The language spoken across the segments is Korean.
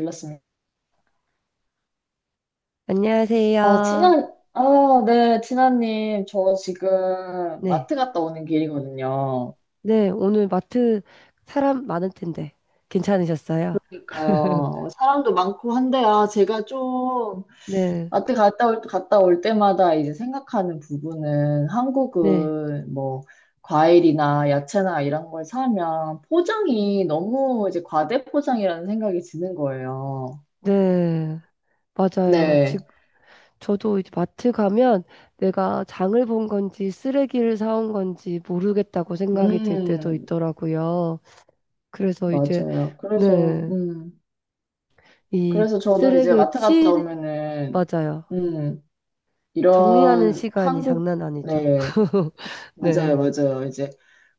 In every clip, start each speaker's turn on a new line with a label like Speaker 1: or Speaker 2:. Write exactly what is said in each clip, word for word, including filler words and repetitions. Speaker 1: 몰랐습니다. 아,
Speaker 2: 안녕하세요.
Speaker 1: 진한, 아, 네, 진아님, 저 지금
Speaker 2: 네.
Speaker 1: 마트 갔다 오는 길이거든요.
Speaker 2: 네, 오늘 마트 사람 많을 텐데 괜찮으셨어요?
Speaker 1: 그러니까요, 사람도 많고 한데, 아, 제가 좀
Speaker 2: 네.
Speaker 1: 마트 갔다 올, 갔다 올 때마다 이제 생각하는 부분은
Speaker 2: 네.
Speaker 1: 한국은 뭐, 과일이나 야채나 이런 걸 사면 포장이 너무 이제 과대포장이라는 생각이 드는 거예요.
Speaker 2: 네. 맞아요.
Speaker 1: 네,
Speaker 2: 지금 저도 이제 마트 가면 내가 장을 본 건지 쓰레기를 사온 건지 모르겠다고 생각이 들 때도
Speaker 1: 음,
Speaker 2: 있더라고요. 그래서 이제
Speaker 1: 맞아요. 그래서,
Speaker 2: 네.
Speaker 1: 음.
Speaker 2: 이
Speaker 1: 그래서 저도 이제
Speaker 2: 쓰레기
Speaker 1: 마트 갔다
Speaker 2: 치
Speaker 1: 오면은,
Speaker 2: 맞아요.
Speaker 1: 음,
Speaker 2: 정리하는
Speaker 1: 이런
Speaker 2: 시간이
Speaker 1: 한국,
Speaker 2: 장난 아니죠.
Speaker 1: 네, 맞아요,
Speaker 2: 네.
Speaker 1: 맞아요. 이제,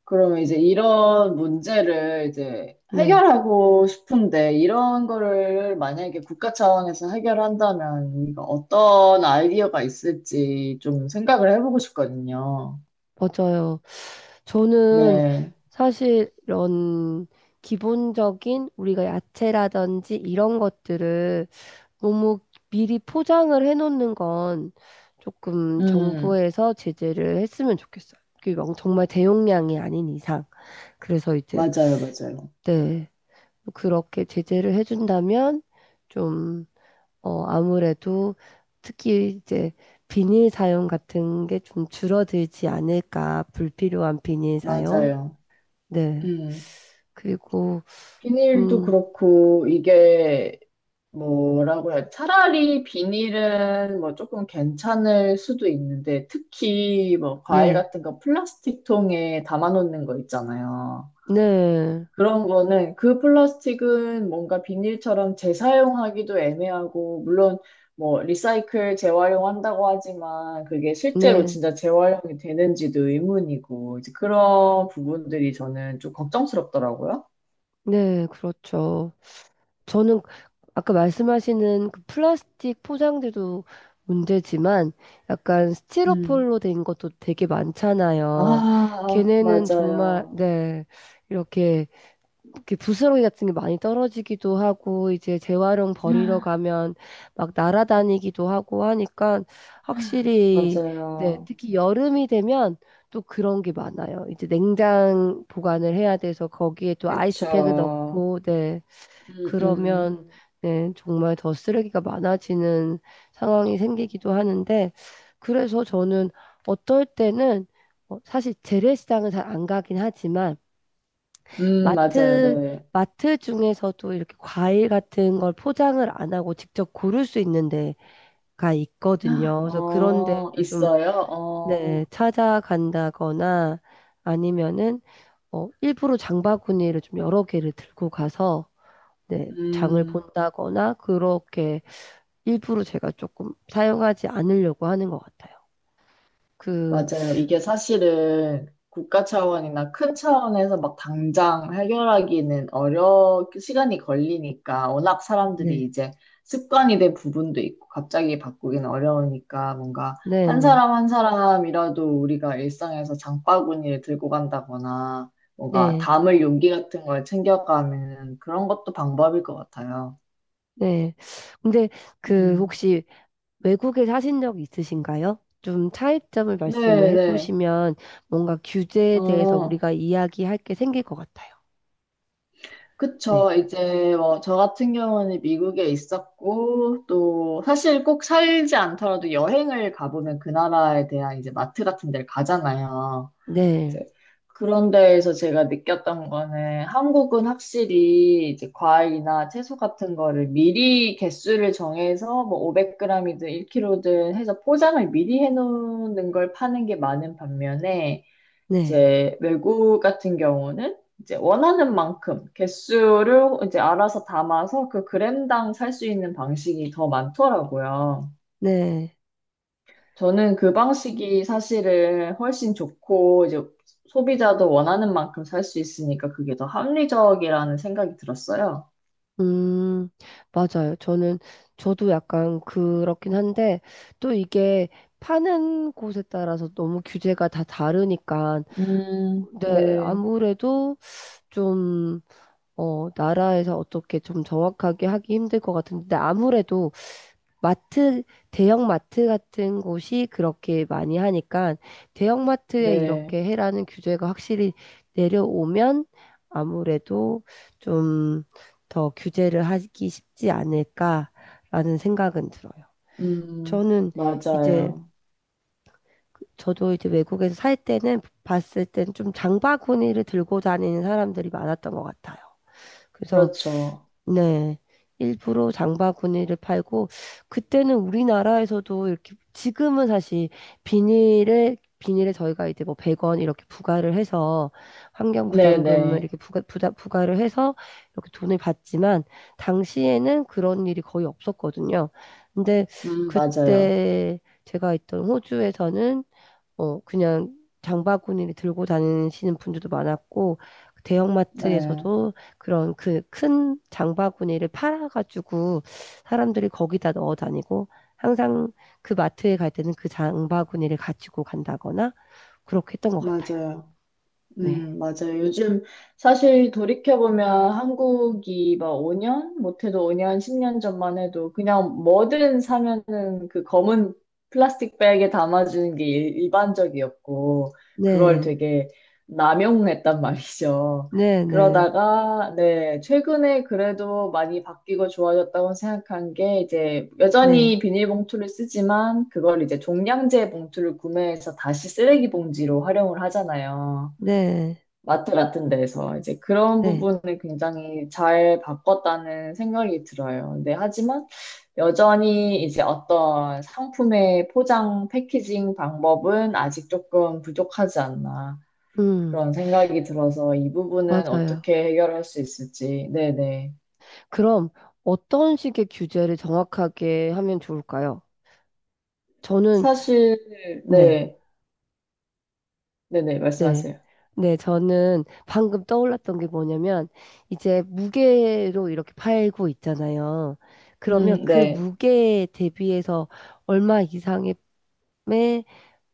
Speaker 1: 그러면 이제 이런 문제를 이제
Speaker 2: 네.
Speaker 1: 해결하고 싶은데, 이런 거를 만약에 국가 차원에서 해결한다면, 이거 어떤 아이디어가 있을지 좀 생각을 해보고 싶거든요.
Speaker 2: 맞아요. 저는
Speaker 1: 네,
Speaker 2: 사실 이런 기본적인 우리가 야채라든지 이런 것들을 너무 미리 포장을 해놓는 건 조금
Speaker 1: 음,
Speaker 2: 정부에서 제재를 했으면 좋겠어요. 그게 막 정말 대용량이 아닌 이상. 그래서 이제,
Speaker 1: 맞아요, 맞아요.
Speaker 2: 네, 그렇게 제재를 해준다면 좀 어, 아무래도 특히 이제 비닐 사용 같은 게 좀 줄어들지 않을까. 불필요한 비닐 사용.
Speaker 1: 맞아요.
Speaker 2: 네.
Speaker 1: 음.
Speaker 2: 그리고,
Speaker 1: 비닐도
Speaker 2: 음,
Speaker 1: 그렇고, 이게, 뭐라고 해야, 차라리 비닐은 뭐 조금 괜찮을 수도 있는데, 특히 뭐 과일
Speaker 2: 네.
Speaker 1: 같은 거 플라스틱 통에 담아놓는 거 있잖아요.
Speaker 2: 네.
Speaker 1: 그런 거는 그 플라스틱은 뭔가 비닐처럼 재사용하기도 애매하고, 물론 뭐 리사이클 재활용한다고 하지만 그게 실제로
Speaker 2: 네.
Speaker 1: 진짜 재활용이 되는지도 의문이고, 이제 그런 부분들이 저는 좀 걱정스럽더라고요.
Speaker 2: 네. 그렇죠. 저는 아까 말씀하시는 그 플라스틱 포장들도 문제지만 약간
Speaker 1: 음.
Speaker 2: 스티로폴로 된 것도 되게 많잖아요.
Speaker 1: 아,
Speaker 2: 걔네는 정말,
Speaker 1: 맞아요.
Speaker 2: 네. 이렇게 그 부스러기 같은 게 많이 떨어지기도 하고 이제 재활용 버리러 가면 막 날아다니기도 하고 하니까 확실히 네,
Speaker 1: 맞아요.
Speaker 2: 특히 여름이 되면 또 그런 게 많아요. 이제 냉장 보관을 해야 돼서 거기에 또 아이스팩을
Speaker 1: 그쵸.
Speaker 2: 넣고 네,
Speaker 1: 음, 음,
Speaker 2: 그러면 네, 정말 더 쓰레기가 많아지는 상황이 생기기도 하는데 그래서 저는 어떨 때는 어, 사실 재래시장은 잘 안 가긴 하지만
Speaker 1: 음, 맞아요.
Speaker 2: 마트,
Speaker 1: 네.
Speaker 2: 마트 중에서도 이렇게 과일 같은 걸 포장을 안 하고 직접 고를 수 있는 데가 있거든요. 그래서 그런 데를
Speaker 1: 어,
Speaker 2: 좀,
Speaker 1: 있어요? 어,
Speaker 2: 네, 찾아간다거나 아니면은, 어, 일부러 장바구니를 좀 여러 개를 들고 가서, 네, 장을
Speaker 1: 음.
Speaker 2: 본다거나 그렇게 일부러 제가 조금 사용하지 않으려고 하는 것 같아요. 그,
Speaker 1: 맞아요. 이게 사실은 국가 차원이나 큰 차원에서 막 당장 해결하기는 어려, 시간이 걸리니까 워낙 사람들이
Speaker 2: 네,
Speaker 1: 이제 습관이 된 부분도 있고 갑자기 바꾸기는 어려우니까 뭔가
Speaker 2: 네,
Speaker 1: 한
Speaker 2: 네,
Speaker 1: 사람 한 사람이라도 우리가 일상에서 장바구니를 들고 간다거나 뭔가
Speaker 2: 네,
Speaker 1: 담을 용기 같은 걸 챙겨가는 그런 것도 방법일 것 같아요.
Speaker 2: 네. 근데 그
Speaker 1: 음.
Speaker 2: 혹시 외국에 사신 적 있으신가요? 좀 차이점을 말씀을
Speaker 1: 네네.
Speaker 2: 해보시면 뭔가 규제에 대해서 우리가 이야기할 게 생길 것 같아요. 네.
Speaker 1: 그쵸. 이제 뭐 저 같은 경우는 미국에 있었고 또 사실 꼭 살지 않더라도 여행을 가보면 그 나라에 대한 이제 마트 같은 데를 가잖아요.
Speaker 2: 네.
Speaker 1: 이제 그런 데에서 제가 느꼈던 거는 한국은 확실히 이제 과일이나 채소 같은 거를 미리 개수를 정해서 뭐 오백 그램이든 일 킬로그램이든 해서 포장을 미리 해놓는 걸 파는 게 많은 반면에
Speaker 2: 네.
Speaker 1: 이제 외국 같은 경우는 이제 원하는 만큼 개수를 이제 알아서 담아서 그 그램당 살 수 있는 방식이 더 많더라고요.
Speaker 2: 네.
Speaker 1: 저는 그 방식이 사실은 훨씬 좋고 이제 소비자도 원하는 만큼 살 수 있으니까 그게 더 합리적이라는 생각이 들었어요.
Speaker 2: 음, 맞아요. 저는, 저도 약간 그렇긴 한데 또 이게 파는 곳에 따라서 너무 규제가 다 다르니까
Speaker 1: 음,
Speaker 2: 네,
Speaker 1: 네,
Speaker 2: 아무래도 좀, 어, 나라에서 어떻게 좀 정확하게 하기 힘들 것 같은데 아무래도 마트, 대형마트 같은 곳이 그렇게 많이 하니까 대형마트에
Speaker 1: 네,
Speaker 2: 이렇게 해라는 규제가 확실히 내려오면 아무래도 좀 더 규제를 하기 쉽지 않을까라는 생각은 들어요.
Speaker 1: 음,
Speaker 2: 저는 이제
Speaker 1: 맞아요.
Speaker 2: 저도 이제 외국에서 살 때는 봤을 때는 좀 장바구니를 들고 다니는 사람들이 많았던 것 같아요. 그래서
Speaker 1: 그렇죠.
Speaker 2: 네. 일부러 장바구니를 팔고 그때는 우리나라에서도 이렇게 지금은 사실 비닐에 비닐에 저희가 이제 뭐 백 원 이렇게 부과를 해서 환경 부담금을
Speaker 1: 네네,
Speaker 2: 이렇게 부가, 부다, 부과를 해서 이렇게 돈을 받지만 당시에는 그런 일이 거의 없었거든요. 근데
Speaker 1: 음, 맞아요.
Speaker 2: 그때 제가 있던 호주에서는 어, 그냥 장바구니를 들고 다니시는 분들도 많았고,
Speaker 1: 네,
Speaker 2: 대형마트에서도 그런 그 큰 장바구니를 팔아가지고 사람들이 거기다 넣어 다니고, 항상 그 마트에 갈 때는 그 장바구니를 가지고 간다거나, 그렇게 했던 것 같아요.
Speaker 1: 맞아요.
Speaker 2: 네.
Speaker 1: 음, 맞아요. 요즘 사실 돌이켜보면 한국이 막 오 년, 못해도 오 년, 십 년 전만 해도 그냥 뭐든 사면은 그 검은 플라스틱 백에 담아주는 게 일- 일반적이었고, 그걸
Speaker 2: 네.
Speaker 1: 되게 남용했단 말이죠.
Speaker 2: 네, 네,
Speaker 1: 그러다가, 네, 최근에 그래도 많이 바뀌고 좋아졌다고 생각한 게 이제
Speaker 2: 네,
Speaker 1: 여전히 비닐봉투를 쓰지만 그걸 이제 종량제 봉투를 구매해서 다시 쓰레기 봉지로 활용을 하잖아요.
Speaker 2: 네,
Speaker 1: 마트 같은 데서 이제 그런
Speaker 2: 네.
Speaker 1: 부분을 굉장히 잘 바꿨다는 생각이 들어요. 근데 하지만 여전히 이제 어떤 상품의 포장, 패키징 방법은 아직 조금 부족하지 않나
Speaker 2: 음,
Speaker 1: 그런 생각이 들어서 이 부분은
Speaker 2: 맞아요.
Speaker 1: 어떻게 해결할 수 있을지. 네네.
Speaker 2: 그럼 어떤 식의 규제를 정확하게 하면 좋을까요? 저는,
Speaker 1: 사실,
Speaker 2: 네.
Speaker 1: 네. 네네.
Speaker 2: 네.
Speaker 1: 말씀하세요.
Speaker 2: 네, 저는 방금 떠올랐던 게 뭐냐면, 이제 무게로 이렇게 팔고 있잖아요. 그러면
Speaker 1: 음,
Speaker 2: 그
Speaker 1: 네.
Speaker 2: 무게에 대비해서 얼마 이상의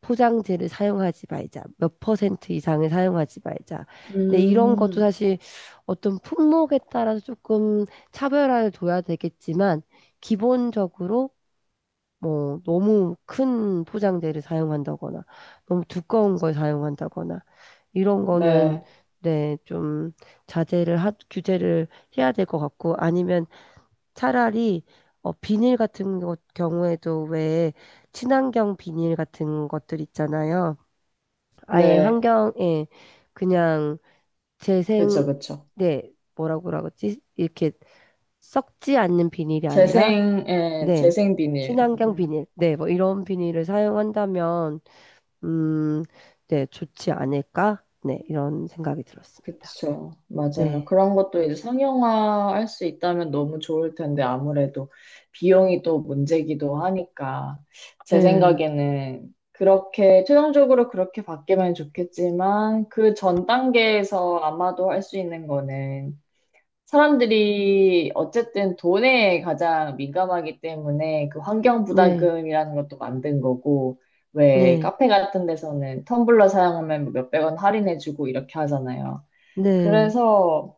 Speaker 2: 포장재를 사용하지 말자. 몇 퍼센트 이상을 사용하지 말자. 근데 이런 것도
Speaker 1: 음,
Speaker 2: 사실 어떤 품목에 따라서 조금 차별화를 둬야 되겠지만, 기본적으로 뭐 너무 큰 포장재를 사용한다거나 너무 두꺼운 걸 사용한다거나 이런 거는
Speaker 1: 네.
Speaker 2: 네, 좀 자제를 하, 규제를 해야 될 것 같고 아니면 차라리 어, 비닐 같은 것 경우에도 왜 친환경 비닐 같은 것들 있잖아요. 아예
Speaker 1: 네.
Speaker 2: 환경에 그냥
Speaker 1: 그쵸,
Speaker 2: 재생
Speaker 1: 그쵸.
Speaker 2: 네, 뭐라고 그러지? 이렇게 썩지 않는 비닐이 아니라
Speaker 1: 재생, 예,
Speaker 2: 네.
Speaker 1: 재생 비닐. 음,
Speaker 2: 친환경
Speaker 1: 음.
Speaker 2: 비닐. 네, 뭐 이런 비닐을 사용한다면, 음, 네, 좋지 않을까? 네, 이런 생각이 들었습니다.
Speaker 1: 그쵸.
Speaker 2: 네.
Speaker 1: 맞아요. 그런 것도 이제 상용화 할 수 있다면 너무 좋을 텐데, 아무래도 비용이 또 문제기도 하니까, 제
Speaker 2: 네.
Speaker 1: 생각에는 그렇게, 최종적으로 그렇게 바뀌면 좋겠지만, 그 전 단계에서 아마도 할 수 있는 거는, 사람들이 어쨌든 돈에 가장 민감하기 때문에 그 환경
Speaker 2: 네.
Speaker 1: 부담금이라는 것도 만든 거고, 왜
Speaker 2: 네.
Speaker 1: 카페 같은 데서는 텀블러 사용하면 뭐 몇백 원 할인해주고 이렇게 하잖아요.
Speaker 2: 네.
Speaker 1: 그래서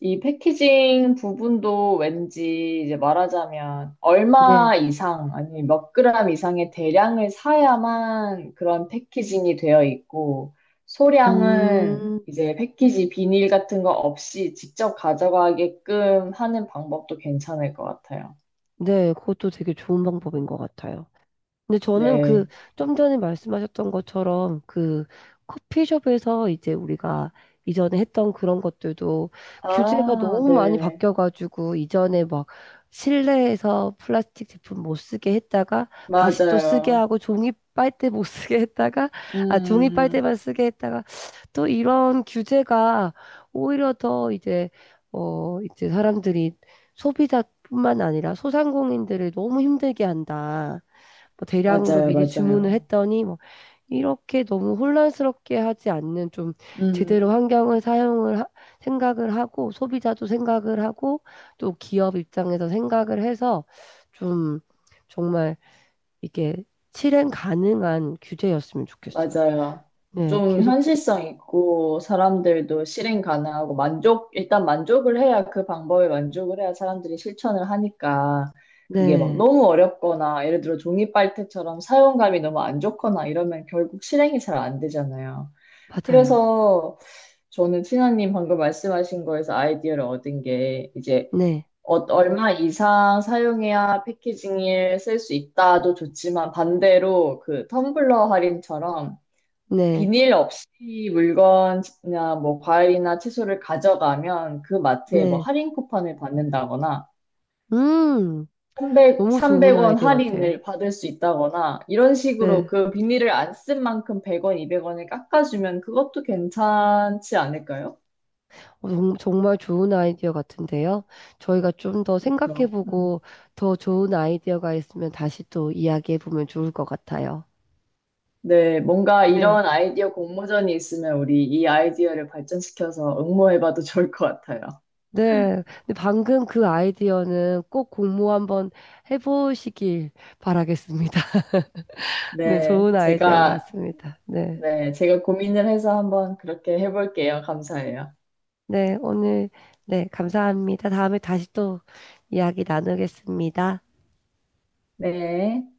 Speaker 1: 이 패키징 부분도 왠지 이제 말하자면 얼마
Speaker 2: 네.
Speaker 1: 이상, 아니 몇 그램 이상의 대량을 사야만 그런 패키징이 되어 있고, 소량은
Speaker 2: 음,
Speaker 1: 이제 패키지 비닐 같은 거 없이 직접 가져가게끔 하는 방법도 괜찮을 것 같아요.
Speaker 2: 네. 그것도 되게 좋은 방법인 것 같아요. 근데 저는
Speaker 1: 네.
Speaker 2: 그 좀 전에 말씀하셨던 것처럼 그 커피숍에서 이제 우리가 이전에 했던 그런 것들도 규제가
Speaker 1: 아,
Speaker 2: 너무 많이
Speaker 1: 네.
Speaker 2: 바뀌어가지고 이전에 막 실내에서 플라스틱 제품 못 쓰게 했다가 다시 또 쓰게
Speaker 1: 맞아요.
Speaker 2: 하고 종이 빨대 못 쓰게 했다가 아 종이
Speaker 1: 음,
Speaker 2: 빨대만 쓰게 했다가 또 이런 규제가 오히려 더 이제 어 이제 사람들이 소비자뿐만 아니라 소상공인들을 너무 힘들게 한다. 뭐 대량으로
Speaker 1: 맞아요,
Speaker 2: 미리 주문을
Speaker 1: 맞아요.
Speaker 2: 했더니 뭐 이렇게 너무 혼란스럽게 하지 않는 좀 제대로
Speaker 1: 음.
Speaker 2: 환경을 사용을 하- 생각을 하고 소비자도 생각을 하고 또 기업 입장에서 생각을 해서 좀 정말 이게 실행 가능한 규제였으면 좋겠어요.
Speaker 1: 맞아요.
Speaker 2: 네,
Speaker 1: 좀
Speaker 2: 계속
Speaker 1: 현실성 있고 사람들도 실행 가능하고 만족, 일단 만족을 해야 그 방법에 만족을 해야 사람들이 실천을 하니까 그게 막
Speaker 2: 네,
Speaker 1: 너무 어렵거나 예를 들어 종이 빨대처럼 사용감이 너무 안 좋거나 이러면 결국 실행이 잘 안 되잖아요.
Speaker 2: 맞아요.
Speaker 1: 그래서 저는 티나님 방금 말씀하신 거에서 아이디어를 얻은 게 이제
Speaker 2: 네,
Speaker 1: 어- 얼마 이상 사용해야 패키징을 쓸 수 있다도 좋지만 반대로 그 텀블러 할인처럼
Speaker 2: 네,
Speaker 1: 비닐 없이 물건이나 뭐 과일이나 채소를 가져가면 그 마트에 뭐
Speaker 2: 네.
Speaker 1: 할인 쿠폰을 받는다거나
Speaker 2: 음,
Speaker 1: 삼백,
Speaker 2: 너무 좋은
Speaker 1: 삼백 원
Speaker 2: 아이디어 같아요.
Speaker 1: 할인을 받을 수 있다거나 이런 식으로
Speaker 2: 네.
Speaker 1: 그 비닐을 안 쓴 만큼 백 원, 이백 원을 깎아주면 그것도 괜찮지 않을까요?
Speaker 2: 어, 정- 정말 좋은 아이디어 같은데요. 저희가 좀 더
Speaker 1: 그렇죠. 음.
Speaker 2: 생각해보고 더 좋은 아이디어가 있으면 다시 또 이야기해보면 좋을 것 같아요.
Speaker 1: 네, 뭔가
Speaker 2: 네.
Speaker 1: 이런 아이디어 공모전이 있으면 우리 이 아이디어를 발전시켜서 응모해봐도 좋을 것 같아요.
Speaker 2: 네. 근데 방금 그 아이디어는 꼭 공모 한번 해보시길 바라겠습니다. 네,
Speaker 1: 네,
Speaker 2: 좋은 아이디어인 것
Speaker 1: 제가,
Speaker 2: 같습니다. 네.
Speaker 1: 네, 제가 고민을 해서 한번 그렇게 해볼게요. 감사해요.
Speaker 2: 네. 오늘, 네. 감사합니다. 다음에 다시 또 이야기 나누겠습니다.
Speaker 1: 네.